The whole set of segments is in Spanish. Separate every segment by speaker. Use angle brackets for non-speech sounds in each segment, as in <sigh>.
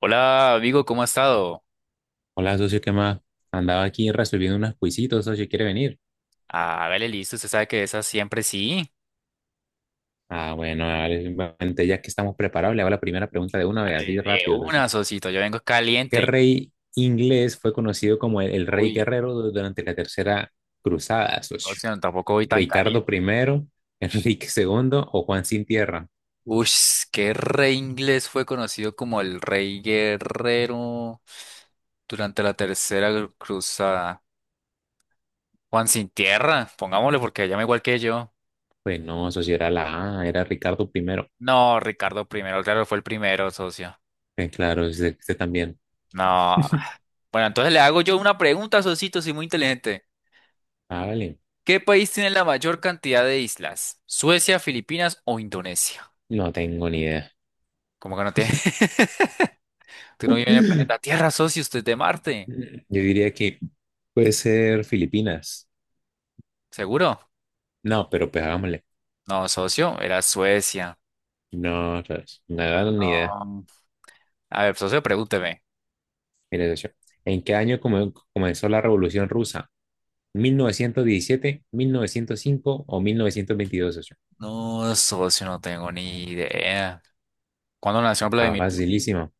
Speaker 1: Hola, amigo, ¿cómo ha estado?
Speaker 2: Hola, socio, ¿qué más? Andaba aquí resolviendo unos quisitos, socio, ¿quiere venir?
Speaker 1: Hágale listo, usted sabe que esa siempre sí.
Speaker 2: Ah, bueno, dale, simplemente ya que estamos preparados, le hago la primera pregunta de una vez, así
Speaker 1: Hágale de
Speaker 2: rápido, socio.
Speaker 1: una, socito, yo vengo
Speaker 2: ¿Qué
Speaker 1: caliente.
Speaker 2: rey inglés fue conocido como el rey
Speaker 1: Uy,
Speaker 2: guerrero durante la Tercera Cruzada,
Speaker 1: no,
Speaker 2: socio?
Speaker 1: sino tampoco voy tan
Speaker 2: ¿Ricardo
Speaker 1: caliente.
Speaker 2: primero, <laughs> Enrique segundo o Juan sin tierra?
Speaker 1: Uy, qué rey inglés fue conocido como el rey guerrero durante la tercera cruzada. Juan sin tierra, pongámosle porque llama igual que yo.
Speaker 2: Pues no, socio, era la A, era Ricardo primero.
Speaker 1: No, Ricardo primero, claro, fue el primero, socio.
Speaker 2: Claro, usted también.
Speaker 1: No.
Speaker 2: <laughs>
Speaker 1: Bueno, entonces le hago yo una pregunta, socito, soy muy inteligente.
Speaker 2: Ah, vale,
Speaker 1: ¿Qué país tiene la mayor cantidad de islas? ¿Suecia, Filipinas o Indonesia?
Speaker 2: no tengo ni idea.
Speaker 1: ¿Cómo que no tiene? <laughs> Tú no
Speaker 2: <laughs>
Speaker 1: vives en el planeta Tierra, socio, usted es de Marte.
Speaker 2: Yo diría que puede ser Filipinas.
Speaker 1: ¿Seguro?
Speaker 2: No, pero pues hagámosle.
Speaker 1: No, socio, era Suecia.
Speaker 2: No, otra vez. No da ni idea.
Speaker 1: No. A ver, socio, pregúnteme.
Speaker 2: Mira, socio, ¿en qué año comenzó la Revolución Rusa? ¿1917, 1905 o 1922, socio?
Speaker 1: No, socio, no tengo ni idea. ¿Cuándo nació
Speaker 2: Está
Speaker 1: Vladimir Putin?
Speaker 2: facilísimo.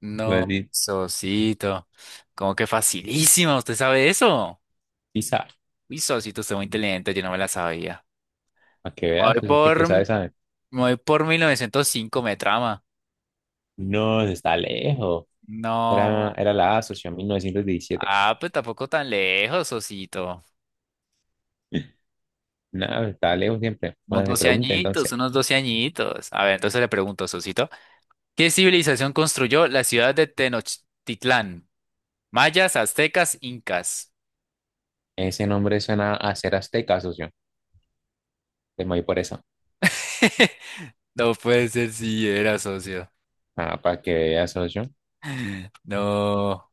Speaker 1: No,
Speaker 2: Pues,
Speaker 1: socito. Como que facilísima, ¿usted sabe eso?
Speaker 2: sí sabe.
Speaker 1: Uy, socito, usted es muy inteligente, yo no me la sabía.
Speaker 2: Para que
Speaker 1: Me
Speaker 2: veas,
Speaker 1: Voy
Speaker 2: socio, que
Speaker 1: por,
Speaker 2: sabe,
Speaker 1: me
Speaker 2: sabe.
Speaker 1: voy por 1905, me trama.
Speaker 2: No, está lejos. Era,
Speaker 1: No.
Speaker 2: era la A, socio, 1917.
Speaker 1: Ah, pues tampoco tan lejos, Osito.
Speaker 2: No, está lejos siempre.
Speaker 1: Unos
Speaker 2: Bueno, se
Speaker 1: 12
Speaker 2: pregunta
Speaker 1: añitos,
Speaker 2: entonces.
Speaker 1: unos 12 añitos. A ver, entonces le pregunto, Osito, ¿qué civilización construyó la ciudad de Tenochtitlán? Mayas, aztecas, incas.
Speaker 2: Ese nombre suena a ser azteca, socio. Te me voy por eso.
Speaker 1: <laughs> No puede ser si era socio.
Speaker 2: Ah, para que veas, socio.
Speaker 1: No.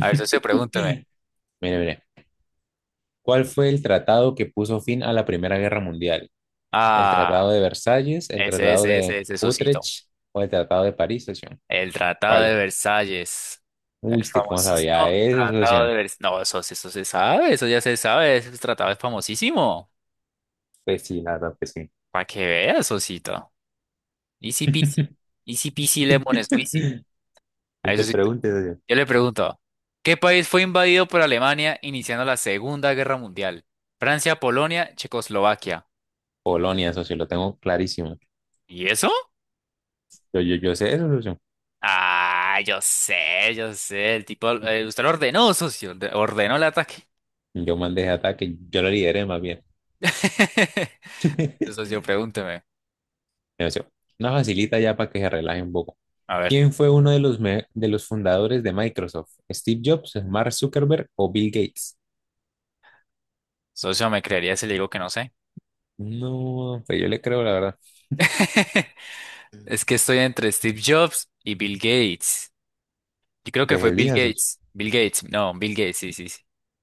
Speaker 1: A ver, socio,
Speaker 2: <laughs>
Speaker 1: pregúntame.
Speaker 2: Mire, mire. ¿Cuál fue el tratado que puso fin a la Primera Guerra Mundial? ¿El Tratado
Speaker 1: Ah,
Speaker 2: de Versalles, el
Speaker 1: ese, bueno,
Speaker 2: Tratado
Speaker 1: ese,
Speaker 2: de
Speaker 1: ese, ese, socito.
Speaker 2: Utrecht o el Tratado de París, socio?
Speaker 1: El Tratado de
Speaker 2: ¿Cuál?
Speaker 1: Versalles.
Speaker 2: Uy,
Speaker 1: El
Speaker 2: ¿usted cómo sabía
Speaker 1: famosísimo
Speaker 2: eso,
Speaker 1: Tratado de
Speaker 2: socio?
Speaker 1: Versalles. No, socio, eso se sabe, eso ya se sabe. Ese tratado es famosísimo.
Speaker 2: Pues sí, la verdad, pues sí.
Speaker 1: Para que veas, Osito. Easy peasy. Easy peasy lemon squeezy.
Speaker 2: <laughs>
Speaker 1: A
Speaker 2: No
Speaker 1: eso
Speaker 2: te
Speaker 1: sí.
Speaker 2: preguntes, socio.
Speaker 1: Yo le pregunto, ¿qué país fue invadido por Alemania iniciando la Segunda Guerra Mundial? Francia, Polonia, Checoslovaquia.
Speaker 2: Polonia, socio, lo tengo clarísimo.
Speaker 1: ¿Y eso?
Speaker 2: Yo sé eso, socio.
Speaker 1: Ah, yo sé, yo sé. El tipo, usted lo ordenó, socio. Ordenó el ataque.
Speaker 2: Yo mandé ese ataque, yo lo lideré más bien.
Speaker 1: <laughs> Entonces,
Speaker 2: <laughs>
Speaker 1: socio, pregúnteme.
Speaker 2: Mira, socio. Una facilita ya para que se relaje un poco.
Speaker 1: A ver,
Speaker 2: ¿Quién fue uno de los fundadores de Microsoft? ¿Steve Jobs, Mark Zuckerberg o Bill Gates?
Speaker 1: socio, ¿me creería si le digo que no sé?
Speaker 2: No, pues yo le creo, la verdad.
Speaker 1: <laughs> Es que estoy entre Steve Jobs y Bill Gates. Yo creo que
Speaker 2: Pues
Speaker 1: fue Bill
Speaker 2: elija sos.
Speaker 1: Gates. Bill Gates, no, Bill Gates, sí, sí, sí.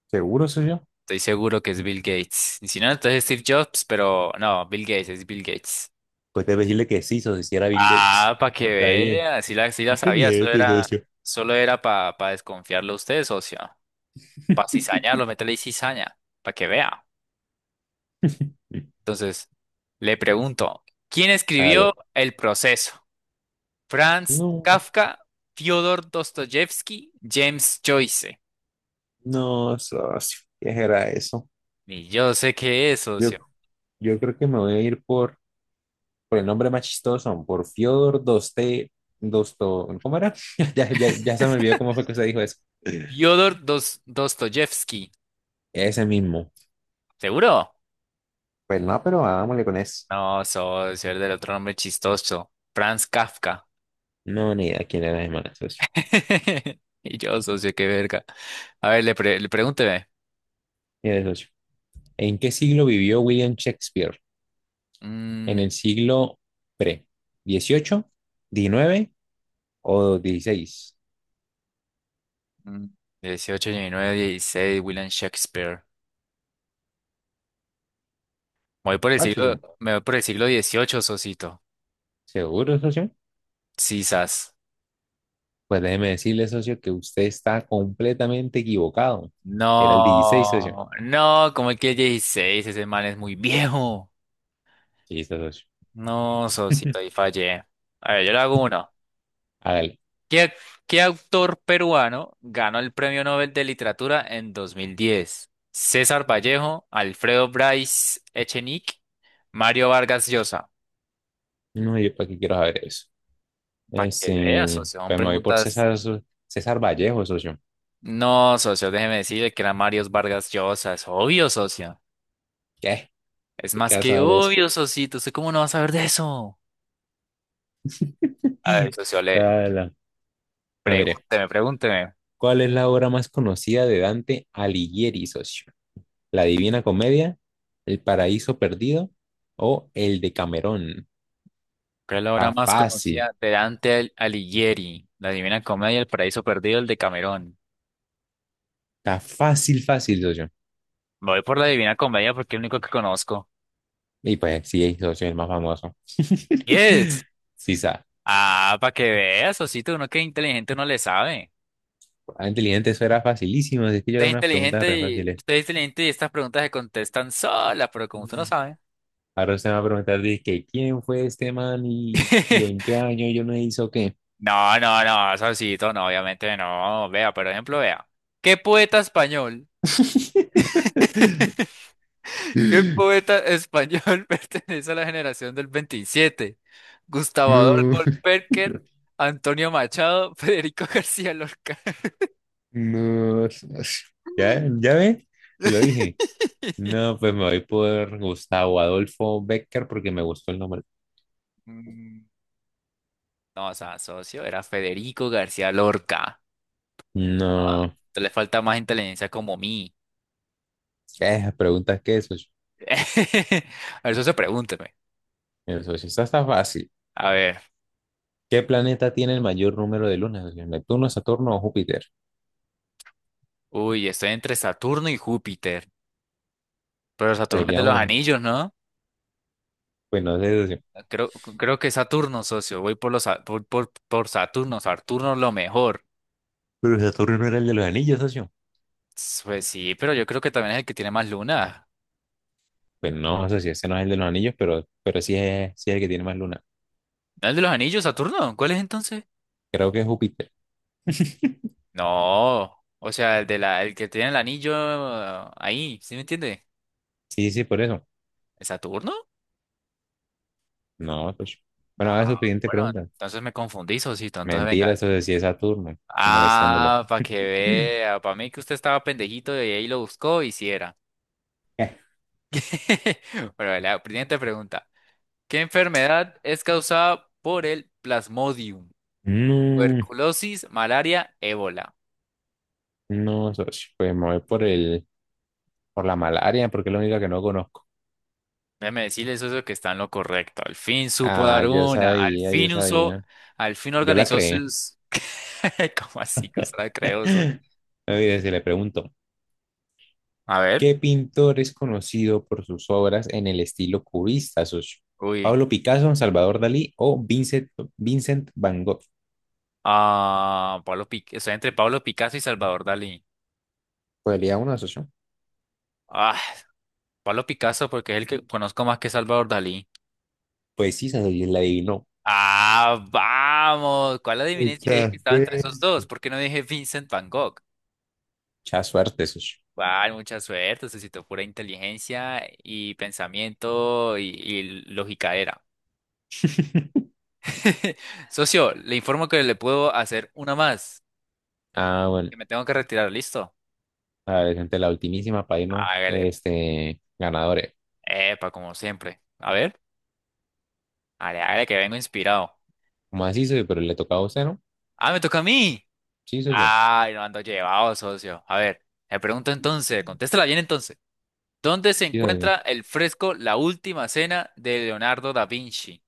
Speaker 2: ¿Seguro soy yo?
Speaker 1: Estoy seguro que es Bill Gates. Y si no, entonces Steve Jobs, pero no, Bill Gates, es Bill Gates.
Speaker 2: Pues debe decirle que sí, socio, si era Bill Gates.
Speaker 1: Ah, para que
Speaker 2: Está bien.
Speaker 1: vea, sí la sabía,
Speaker 2: Inteligente, socio.
Speaker 1: solo era para desconfiarlo a usted, socio. Para cizañarlo, meterle cizaña, para que vea.
Speaker 2: <laughs>
Speaker 1: Entonces, le pregunto, ¿quién escribió
Speaker 2: Dale.
Speaker 1: El proceso? Franz
Speaker 2: No,
Speaker 1: Kafka, Fyodor Dostoyevsky, James Joyce.
Speaker 2: no, socio. ¿Qué era eso?
Speaker 1: Y yo sé que eso,
Speaker 2: Yo, yo creo que me voy a ir por el nombre más chistoso, por Fyodor Dosto, ¿cómo era? <laughs> Ya, ya, ya se me olvidó cómo fue que se dijo eso.
Speaker 1: Fyodor Dostoyevsky.
Speaker 2: Ese mismo.
Speaker 1: ¿Seguro?
Speaker 2: Pues no, pero hagámosle con eso.
Speaker 1: No, socio, el del otro nombre chistoso. Franz Kafka.
Speaker 2: No, ni idea quién era ese man, socio.
Speaker 1: <laughs> Y yo, socio, qué verga. A ver, le pregúnteme.
Speaker 2: Mire, socio. ¿En qué siglo vivió William Shakespeare?
Speaker 1: Mm,
Speaker 2: ¿En el siglo pre? XVIII, XIX o XVI?
Speaker 1: mm, dieciocho, diecinueve, dieciséis, William Shakespeare. Me voy por el
Speaker 2: ¿Cuál,
Speaker 1: siglo,
Speaker 2: socio?
Speaker 1: me voy por el siglo dieciocho, socito.
Speaker 2: ¿Seguro, socio?
Speaker 1: Sisas.
Speaker 2: Pues déjeme decirle, socio, que usted está completamente equivocado. Era el XVI, socio.
Speaker 1: No, no, como que 16 ese man es muy viejo.
Speaker 2: Sí, está, socio.
Speaker 1: No, socito, ahí
Speaker 2: <laughs>
Speaker 1: fallé. A ver, yo le hago uno.
Speaker 2: Hágale.
Speaker 1: ¿Qué, ac- qué autor peruano ganó el Premio Nobel de Literatura en 2010? César Vallejo, Alfredo Bryce Echenique, Mario Vargas Llosa.
Speaker 2: No, yo para qué quiero saber eso.
Speaker 1: Para
Speaker 2: Es,
Speaker 1: que veas, socio, son
Speaker 2: pues me voy por
Speaker 1: preguntas.
Speaker 2: César Vallejo, socio.
Speaker 1: No, socio, déjeme decirle que era Mario Vargas Llosa. Es obvio, socio.
Speaker 2: ¿Qué?
Speaker 1: Es
Speaker 2: ¿Qué
Speaker 1: más
Speaker 2: queda
Speaker 1: que
Speaker 2: saber eso?
Speaker 1: obvio, socito. ¿Usted cómo no va a saber de eso? A ver,
Speaker 2: <laughs>
Speaker 1: socio, le
Speaker 2: Ala. Ah, mire,
Speaker 1: pregúnteme.
Speaker 2: ¿cuál es la obra más conocida de Dante Alighieri, socio? La Divina Comedia, El Paraíso Perdido o El de Camerón.
Speaker 1: ¿Cuál es la obra
Speaker 2: Está
Speaker 1: más
Speaker 2: fácil,
Speaker 1: conocida de Dante Alighieri? La Divina Comedia, El Paraíso Perdido, el de Camerón.
Speaker 2: está fácil, fácil, socio.
Speaker 1: Me voy por la Divina Comedia porque es el único que conozco.
Speaker 2: Y pues sí, socio, es el más famoso.
Speaker 1: Yes.
Speaker 2: <laughs> Sí, sa.
Speaker 1: Ah, para que veas, Osito, uno que es inteligente no le sabe.
Speaker 2: Ah, inteligente, eso era facilísimo. Es que yo
Speaker 1: Usted
Speaker 2: era
Speaker 1: es
Speaker 2: unas preguntas re
Speaker 1: inteligente y
Speaker 2: fáciles.
Speaker 1: usted es inteligente y estas preguntas se contestan solas, pero como usted no
Speaker 2: Mm.
Speaker 1: sabe.
Speaker 2: Ahora usted me va a preguntar, dice, que ¿quién fue este man y en qué
Speaker 1: <laughs>
Speaker 2: año yo no hizo qué?
Speaker 1: No, no, no, Osito, no, obviamente no. Vea, por ejemplo, vea. ¿Qué poeta español?
Speaker 2: <laughs>
Speaker 1: <laughs> ¿Qué poeta español <laughs> pertenece a la generación del 27? Gustavo
Speaker 2: No,
Speaker 1: Adolfo Perker, Antonio Machado, <laughs> Federico García Lorca.
Speaker 2: no. Ya, ya ve, te lo dije.
Speaker 1: <laughs>
Speaker 2: No, pues me voy por Gustavo Adolfo Becker porque me gustó el nombre.
Speaker 1: Mm, No, o sea, socio, era Federico García Lorca. Ah,
Speaker 2: No,
Speaker 1: te le falta más inteligencia como mí.
Speaker 2: esas preguntas que eso,
Speaker 1: <laughs> A ver, socio, pregúnteme.
Speaker 2: eso sí está fácil.
Speaker 1: A ver,
Speaker 2: ¿Qué planeta tiene el mayor número de lunas, socio? ¿Neptuno, Saturno o Júpiter?
Speaker 1: uy, estoy entre Saturno y Júpiter. Pero
Speaker 2: Pues
Speaker 1: Saturno es de
Speaker 2: diría
Speaker 1: los
Speaker 2: uno,
Speaker 1: anillos, ¿no?
Speaker 2: pues no sé, socio.
Speaker 1: Creo que Saturno, socio. Voy por los, Sa- por Saturno. Saturno es lo mejor.
Speaker 2: Pero Saturno no era el de los anillos, socio.
Speaker 1: Pues sí, pero yo creo que también es el que tiene más lunas.
Speaker 2: Pues no, socio, ese no es el de los anillos, pero sí es el que tiene más lunas.
Speaker 1: ¿No es el de los anillos, Saturno? ¿Cuál es entonces?
Speaker 2: Creo que es Júpiter.
Speaker 1: No. O sea, el que tiene el anillo ah, ahí, ¿sí me entiende?
Speaker 2: Sí, sí, por eso.
Speaker 1: ¿Es Saturno?
Speaker 2: No, socio. Bueno,
Speaker 1: Ah,
Speaker 2: a ver su siguiente
Speaker 1: bueno,
Speaker 2: pregunta.
Speaker 1: entonces me confundí, Sosito. Entonces venga.
Speaker 2: Mentira, socio, sí es Saturno. Estoy molestándolo.
Speaker 1: Ah, para que
Speaker 2: <laughs>
Speaker 1: vea. Para mí que usted estaba pendejito y ahí lo buscó y sí era. <laughs> Bueno, vale, la siguiente pregunta. ¿Qué enfermedad es causada por el Plasmodium?
Speaker 2: No,
Speaker 1: Tuberculosis, malaria, ébola.
Speaker 2: no, socio, pues me voy por la malaria, porque es la única que no conozco.
Speaker 1: Déjeme decirles eso que está en lo correcto. Al fin supo
Speaker 2: Ah,
Speaker 1: dar
Speaker 2: yo
Speaker 1: una. Al
Speaker 2: sabía, yo
Speaker 1: fin usó.
Speaker 2: sabía.
Speaker 1: Al fin
Speaker 2: Yo la
Speaker 1: organizó
Speaker 2: creé.
Speaker 1: sus. <laughs> ¿Cómo así que usted la
Speaker 2: <laughs>
Speaker 1: creó? ¿Sos?
Speaker 2: No. Mire, se le pregunto,
Speaker 1: A ver.
Speaker 2: ¿qué pintor es conocido por sus obras en el estilo cubista, socio?
Speaker 1: Uy.
Speaker 2: ¿Pablo Picasso, Salvador Dalí o Vincent Van Gogh?
Speaker 1: Ah, Pablo Picasso, estoy entre Pablo Picasso y Salvador Dalí.
Speaker 2: ¿Podría uno, socio?
Speaker 1: Ah, Pablo Picasso porque es el que conozco más que Salvador Dalí.
Speaker 2: Pues sí, socio, la adivinó.
Speaker 1: Ah, vamos. ¿Cuál adiviné si le dije
Speaker 2: Muchas
Speaker 1: que estaba entre esos
Speaker 2: veces.
Speaker 1: dos? ¿Por qué no dije Vincent Van Gogh?
Speaker 2: Mucha suerte, socio.
Speaker 1: Vale, mucha suerte, necesito pura inteligencia y pensamiento y lógica era. <laughs> Socio, le informo que le puedo hacer una más,
Speaker 2: Ah, bueno,
Speaker 1: que me tengo que retirar, ¿listo?
Speaker 2: a ver, gente, la ultimísima para irnos,
Speaker 1: Hágale.
Speaker 2: ganadores.
Speaker 1: Epa, como siempre. A ver, hágale, hágale que vengo inspirado.
Speaker 2: ¿Como así, socio? Pero le tocaba a usted, ¿no?
Speaker 1: Ah, me toca a mí.
Speaker 2: Sí, socio.
Speaker 1: Ay, no ando llevado, socio. A ver, me pregunto entonces, contéstala bien entonces. ¿Dónde se
Speaker 2: Sí, socio.
Speaker 1: encuentra el fresco La Última Cena de Leonardo da Vinci?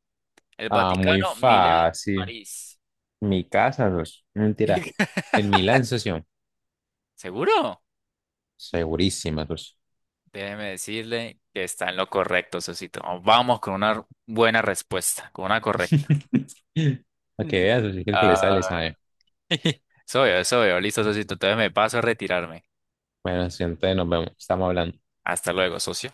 Speaker 1: El
Speaker 2: Ah, muy
Speaker 1: Vaticano, Milán,
Speaker 2: fácil.
Speaker 1: París.
Speaker 2: Mi casa, socio. No, mentira.
Speaker 1: <laughs>
Speaker 2: En Milán, socio.
Speaker 1: ¿Seguro?
Speaker 2: Segurísima, socio.
Speaker 1: Déjeme decirle que está en lo correcto, socito. Vamos con una buena respuesta, con una correcta.
Speaker 2: <laughs> Para
Speaker 1: Mm.
Speaker 2: que veas, socio, que el que le sale,
Speaker 1: Ah,
Speaker 2: sabe.
Speaker 1: <laughs> soy yo. Listo, socito. Entonces me paso a retirarme.
Speaker 2: Bueno, socio, entonces nos vemos. Estamos hablando.
Speaker 1: Hasta luego, socio.